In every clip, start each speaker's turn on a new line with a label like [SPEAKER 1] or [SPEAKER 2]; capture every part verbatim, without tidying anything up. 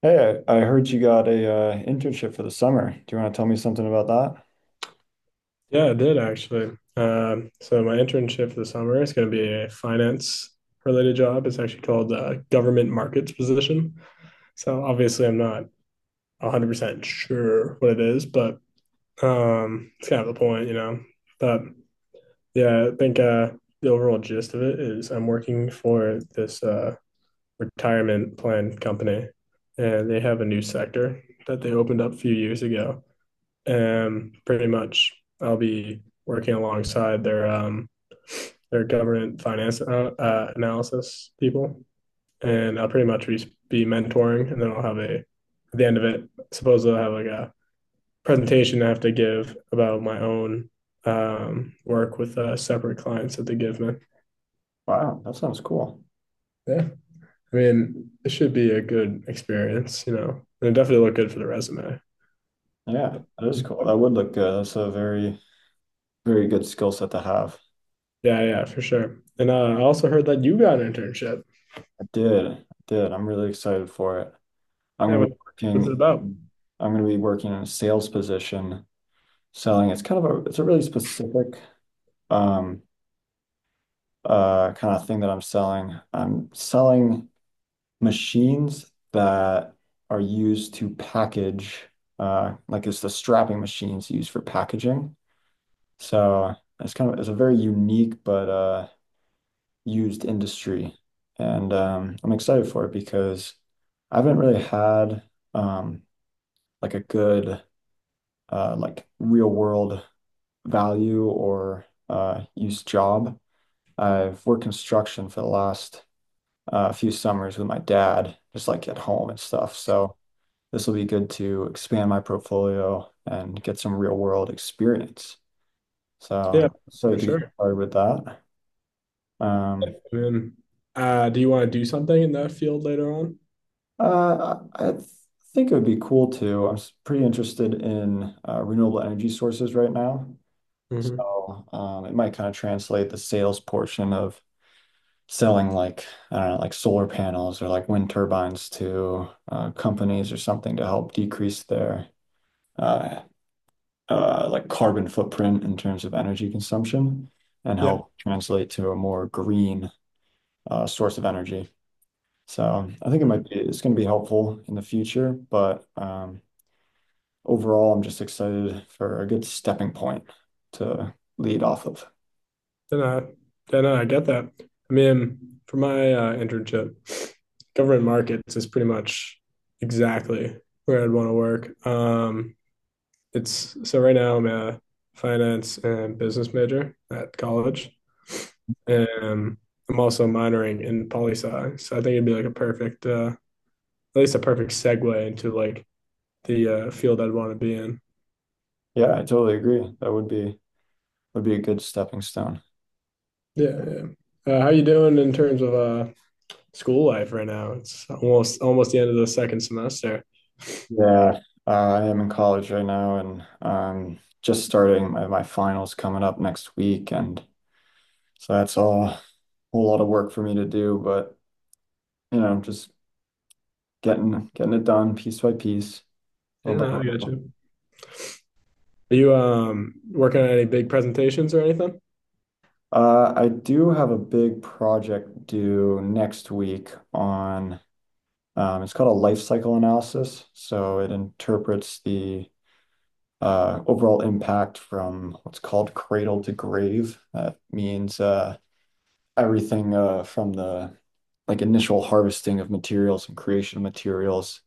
[SPEAKER 1] Hey, I, I heard you got a uh, internship for the summer. Do you want to tell me something about that?
[SPEAKER 2] Yeah, it did actually. Um, so my internship this summer is going to be a finance related job. It's actually called uh, government markets position. So obviously, I'm not one hundred percent sure what it is, but um, it's kind of the point, you know. But yeah, I think uh, the overall gist of it is I'm working for this uh, retirement plan company, and they have a new sector that they opened up a few years ago. And pretty much, I'll be working alongside their um, they're government finance uh, uh, analysis people, and I'll pretty much be mentoring, and then I'll have a at the end of it. Supposedly, I'll have like a presentation I have to give about my own um, work with uh, separate clients that they give me.
[SPEAKER 1] Wow, that sounds cool.
[SPEAKER 2] Yeah, I mean, it should be a good experience, you know, and it definitely look good for the resume.
[SPEAKER 1] Yeah, that is cool. That would look good. That's a very, very good skill set to have.
[SPEAKER 2] Yeah, yeah, for sure. And uh, I also heard that you got an internship.
[SPEAKER 1] I did. I did. I'm really excited for it. I'm
[SPEAKER 2] Yeah,
[SPEAKER 1] going to
[SPEAKER 2] what,
[SPEAKER 1] be
[SPEAKER 2] what's it
[SPEAKER 1] working
[SPEAKER 2] about?
[SPEAKER 1] in, I'm going to be working in a sales position selling. It's kind of a, it's a really specific um uh kind of thing that I'm selling. I'm selling machines that are used to package, uh, like it's the strapping machines used for packaging. So it's kind of it's a very unique but uh, used industry, and um, I'm excited for it because I haven't really had um, like a good uh, like real world value or uh, use job. I've worked construction for the last uh, few summers with my dad, just like at home and stuff. So. This will be good to expand my portfolio and get some real world experience.
[SPEAKER 2] Yeah,
[SPEAKER 1] So, so
[SPEAKER 2] for
[SPEAKER 1] to get
[SPEAKER 2] sure.
[SPEAKER 1] started with that, um,
[SPEAKER 2] And uh, do you want to do something in that field later on?
[SPEAKER 1] uh, I th- think it would be cool to. I'm s- pretty interested in uh, renewable energy sources right now.
[SPEAKER 2] Hmm.
[SPEAKER 1] So, um, it might kind of translate the sales portion of selling like, I don't know, like solar panels or like wind turbines to uh, companies or something to help decrease their uh, Uh, like carbon footprint in terms of energy consumption and
[SPEAKER 2] Yeah,
[SPEAKER 1] help translate to a more green uh, source of energy. So I think it might be, it's going to be helpful in the future, but um, overall, I'm just excited for a good stepping point to lead off of.
[SPEAKER 2] then I then I get that. I mean, for my uh, internship, government markets is pretty much exactly where I'd want to work. Um, it's so right now I'm a finance and business major at college. Um, I'm also minoring in poli sci, so I think it'd be like a perfect, uh, at least a perfect segue into like the uh, field I'd want to be in.
[SPEAKER 1] Yeah, I totally agree. That would be would be a good stepping stone.
[SPEAKER 2] Yeah, yeah. Uh, how you doing in terms of uh, school life right now? It's almost almost the end of the second semester.
[SPEAKER 1] Yeah, uh, I am in college right now and um just starting my, my finals coming up next week, and so that's all a whole lot of work for me to do, but you know, just getting getting it done piece by piece,
[SPEAKER 2] Yeah,
[SPEAKER 1] little by
[SPEAKER 2] no, I got
[SPEAKER 1] little.
[SPEAKER 2] you. Are you um working on any big presentations or anything?
[SPEAKER 1] Uh, I do have a big project due next week on, um, it's called a life cycle analysis. So it interprets the Uh, overall impact from what's called cradle to grave. That means uh everything uh from the like initial harvesting of materials and creation of materials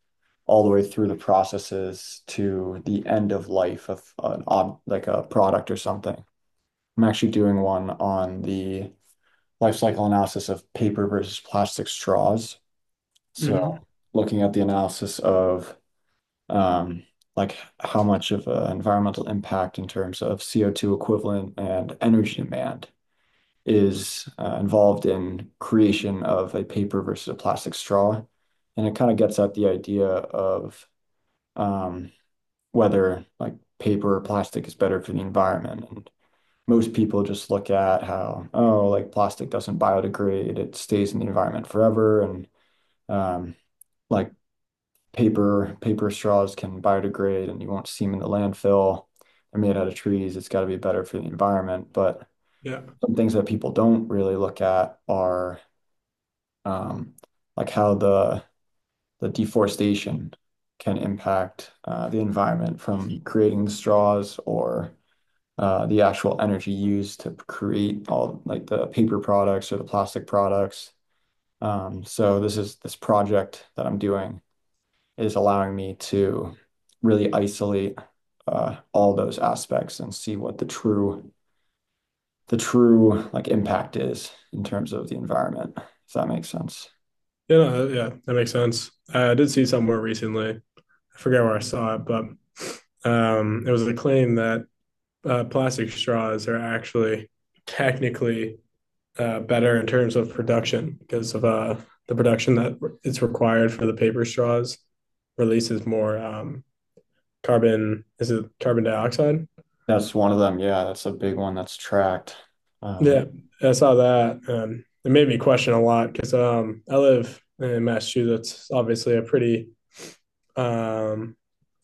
[SPEAKER 1] all the way through the processes to the end of life of an ob like a product or something. I'm actually doing one on the life cycle analysis of paper versus plastic straws. So
[SPEAKER 2] Hmm.
[SPEAKER 1] looking at the analysis of um, like how much of an environmental impact in terms of C O two equivalent and energy demand is uh, involved in creation of a paper versus a plastic straw. And it kind of gets at the idea of um whether like paper or plastic is better for the environment. And most people just look at how, oh, like plastic doesn't biodegrade, it stays in the environment forever. And um like paper paper straws can biodegrade and you won't see them in the landfill. They're made out of trees. It's got to be better for the environment. But
[SPEAKER 2] Yeah.
[SPEAKER 1] some things that people don't really look at are um, like how the the deforestation can impact uh, the environment from creating the straws or uh, the actual energy used to create all like the paper products or the plastic products. Um, so this is this project that I'm doing is allowing me to really isolate uh, all those aspects and see what the true the true like impact is in terms of the environment. Does that make sense?
[SPEAKER 2] Yeah, no, yeah, that makes sense. I did see somewhere recently I forget where I saw it, but um, it was a claim that uh, plastic straws are actually technically uh, better in terms of production because of uh, the production that is required for the paper straws releases more um, carbon. Is it carbon dioxide?
[SPEAKER 1] That's one of them. Yeah, that's a big one that's tracked. Um,
[SPEAKER 2] Yeah, I saw that. Um, it made me question a lot because um, I live in Massachusetts, obviously a pretty um,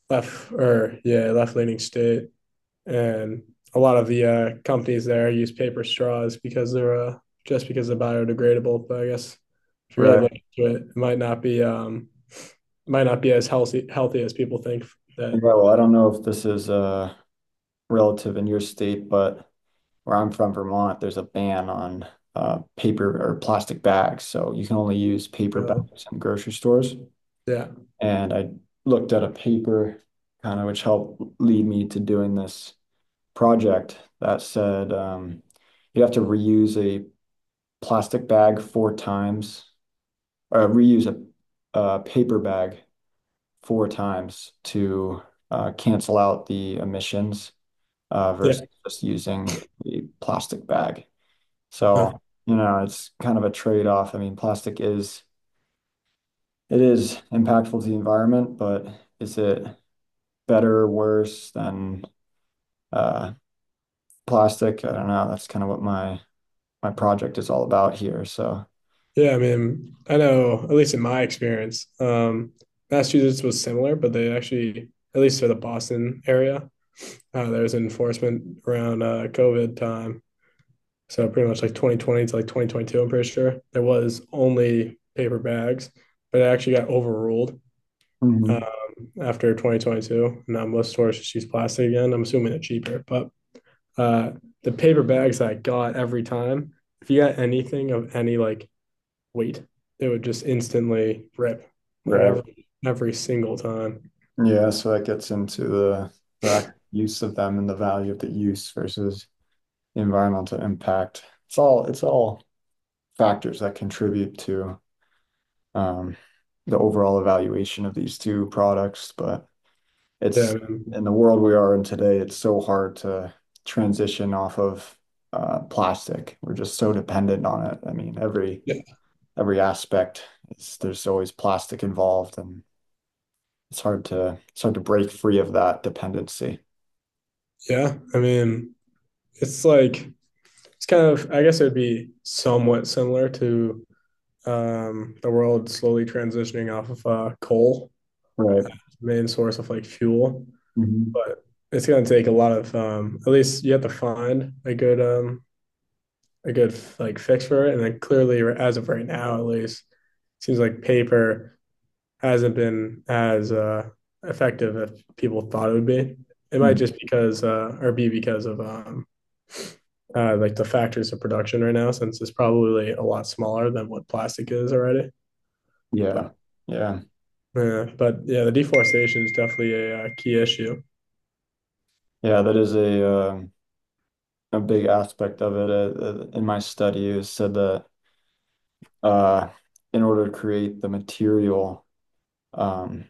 [SPEAKER 2] left or yeah left leaning state, and a lot of the uh, companies there use paper straws because they're uh, just because they're biodegradable. But I guess if you really
[SPEAKER 1] Right.
[SPEAKER 2] look into it, it might not be um, might not be as healthy healthy as people think
[SPEAKER 1] Yeah,
[SPEAKER 2] that.
[SPEAKER 1] well, I don't know if this is uh, relative in your state, but where I'm from, Vermont, there's a ban on uh, paper or plastic bags. So you can only use paper
[SPEAKER 2] Uh,
[SPEAKER 1] bags in grocery stores.
[SPEAKER 2] yeah,
[SPEAKER 1] And I looked at a paper kind of which helped lead me to doing this project that said, um, you have to reuse a plastic bag four times, or reuse a, a paper bag four times to uh, cancel out the emissions uh,
[SPEAKER 2] yeah.
[SPEAKER 1] versus just using a plastic bag.
[SPEAKER 2] Uh,
[SPEAKER 1] So, you know, it's kind of a trade-off. I mean, plastic is, it is impactful to the environment, but is it better or worse than uh, plastic. I don't know. That's kind of what my my project is all about here. So
[SPEAKER 2] Yeah, I mean, I know, at least in my experience, um, Massachusetts was similar, but they actually, at least for the Boston area, uh, there was enforcement around uh, COVID time. So pretty much like twenty twenty to like twenty twenty-two, I'm pretty sure there was only paper bags, but it actually got overruled um,
[SPEAKER 1] Mhm.
[SPEAKER 2] after twenty twenty-two. Now most stores just use plastic again. I'm assuming it's cheaper, but uh, the paper bags I got every time, if you got anything of any like wheat. It would just instantly rip like
[SPEAKER 1] Right,
[SPEAKER 2] every every single time.
[SPEAKER 1] yeah. So that gets into the the act- use of them and the value of the use versus environmental impact. It's all it's all factors that contribute to um, the overall evaluation of these two products, but
[SPEAKER 2] Yeah, I
[SPEAKER 1] it's
[SPEAKER 2] mean,
[SPEAKER 1] in the world we are in today, it's so hard to transition off of uh, plastic. We're just so dependent on it. I mean, every
[SPEAKER 2] yeah,
[SPEAKER 1] every aspect is there's always plastic involved, and it's hard to it's hard to break free of that dependency.
[SPEAKER 2] yeah. I mean, it's like it's kind of. I guess it would be somewhat similar to um, the world slowly transitioning off of uh, coal,
[SPEAKER 1] Right.
[SPEAKER 2] main source of like fuel,
[SPEAKER 1] Hmm.
[SPEAKER 2] but it's going to take a lot of. Um, at least you have to find a good um, a good like fix for it, and then clearly, as of right now, at least, it seems like paper hasn't been as uh, effective as people thought it would be. It might just because uh, or be because of um, uh, like the factors of production right now, since it's probably a lot smaller than what plastic is already.
[SPEAKER 1] Yeah.
[SPEAKER 2] But
[SPEAKER 1] Yeah.
[SPEAKER 2] yeah, but yeah, the deforestation is definitely a, uh key issue.
[SPEAKER 1] Yeah. That is a uh, a big aspect of it. Uh, uh, in my study, it was said that uh, in order to create the material. Um,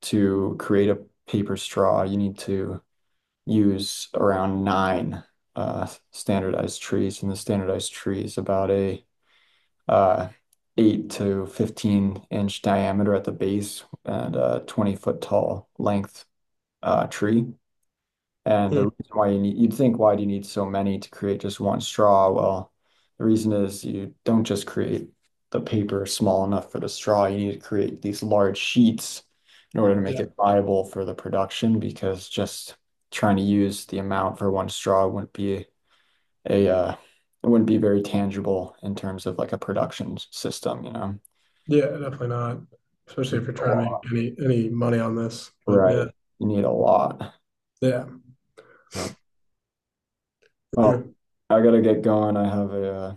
[SPEAKER 1] to create a paper straw, you need to use around nine uh, standardized trees, and the standardized tree is about a uh, eight to fifteen inch diameter at the base and a twenty foot tall length uh, tree. And the
[SPEAKER 2] Mm,
[SPEAKER 1] reason why you need, you'd think, why do you need so many to create just one straw? Well, the reason is you don't just create the paper small enough for the straw. You need to create these large sheets in order to make
[SPEAKER 2] yeah,
[SPEAKER 1] it viable for the production because just trying to use the amount for one straw wouldn't be a, uh, it wouldn't be very tangible in terms of like a production system, you know?
[SPEAKER 2] yeah, definitely not, especially if you're
[SPEAKER 1] A
[SPEAKER 2] trying to make
[SPEAKER 1] lot.
[SPEAKER 2] any any money on this. But
[SPEAKER 1] Right.
[SPEAKER 2] yeah,
[SPEAKER 1] You need a lot.
[SPEAKER 2] yeah,
[SPEAKER 1] But,
[SPEAKER 2] yeah.
[SPEAKER 1] well, I gotta get going. I have a, uh,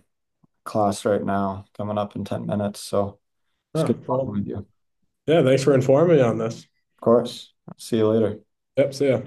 [SPEAKER 1] class right now coming up in ten minutes. So it's
[SPEAKER 2] Oh,
[SPEAKER 1] good talking
[SPEAKER 2] well,
[SPEAKER 1] with you. Of
[SPEAKER 2] yeah. Thanks for informing me on this.
[SPEAKER 1] course. See you later.
[SPEAKER 2] Yep. See ya.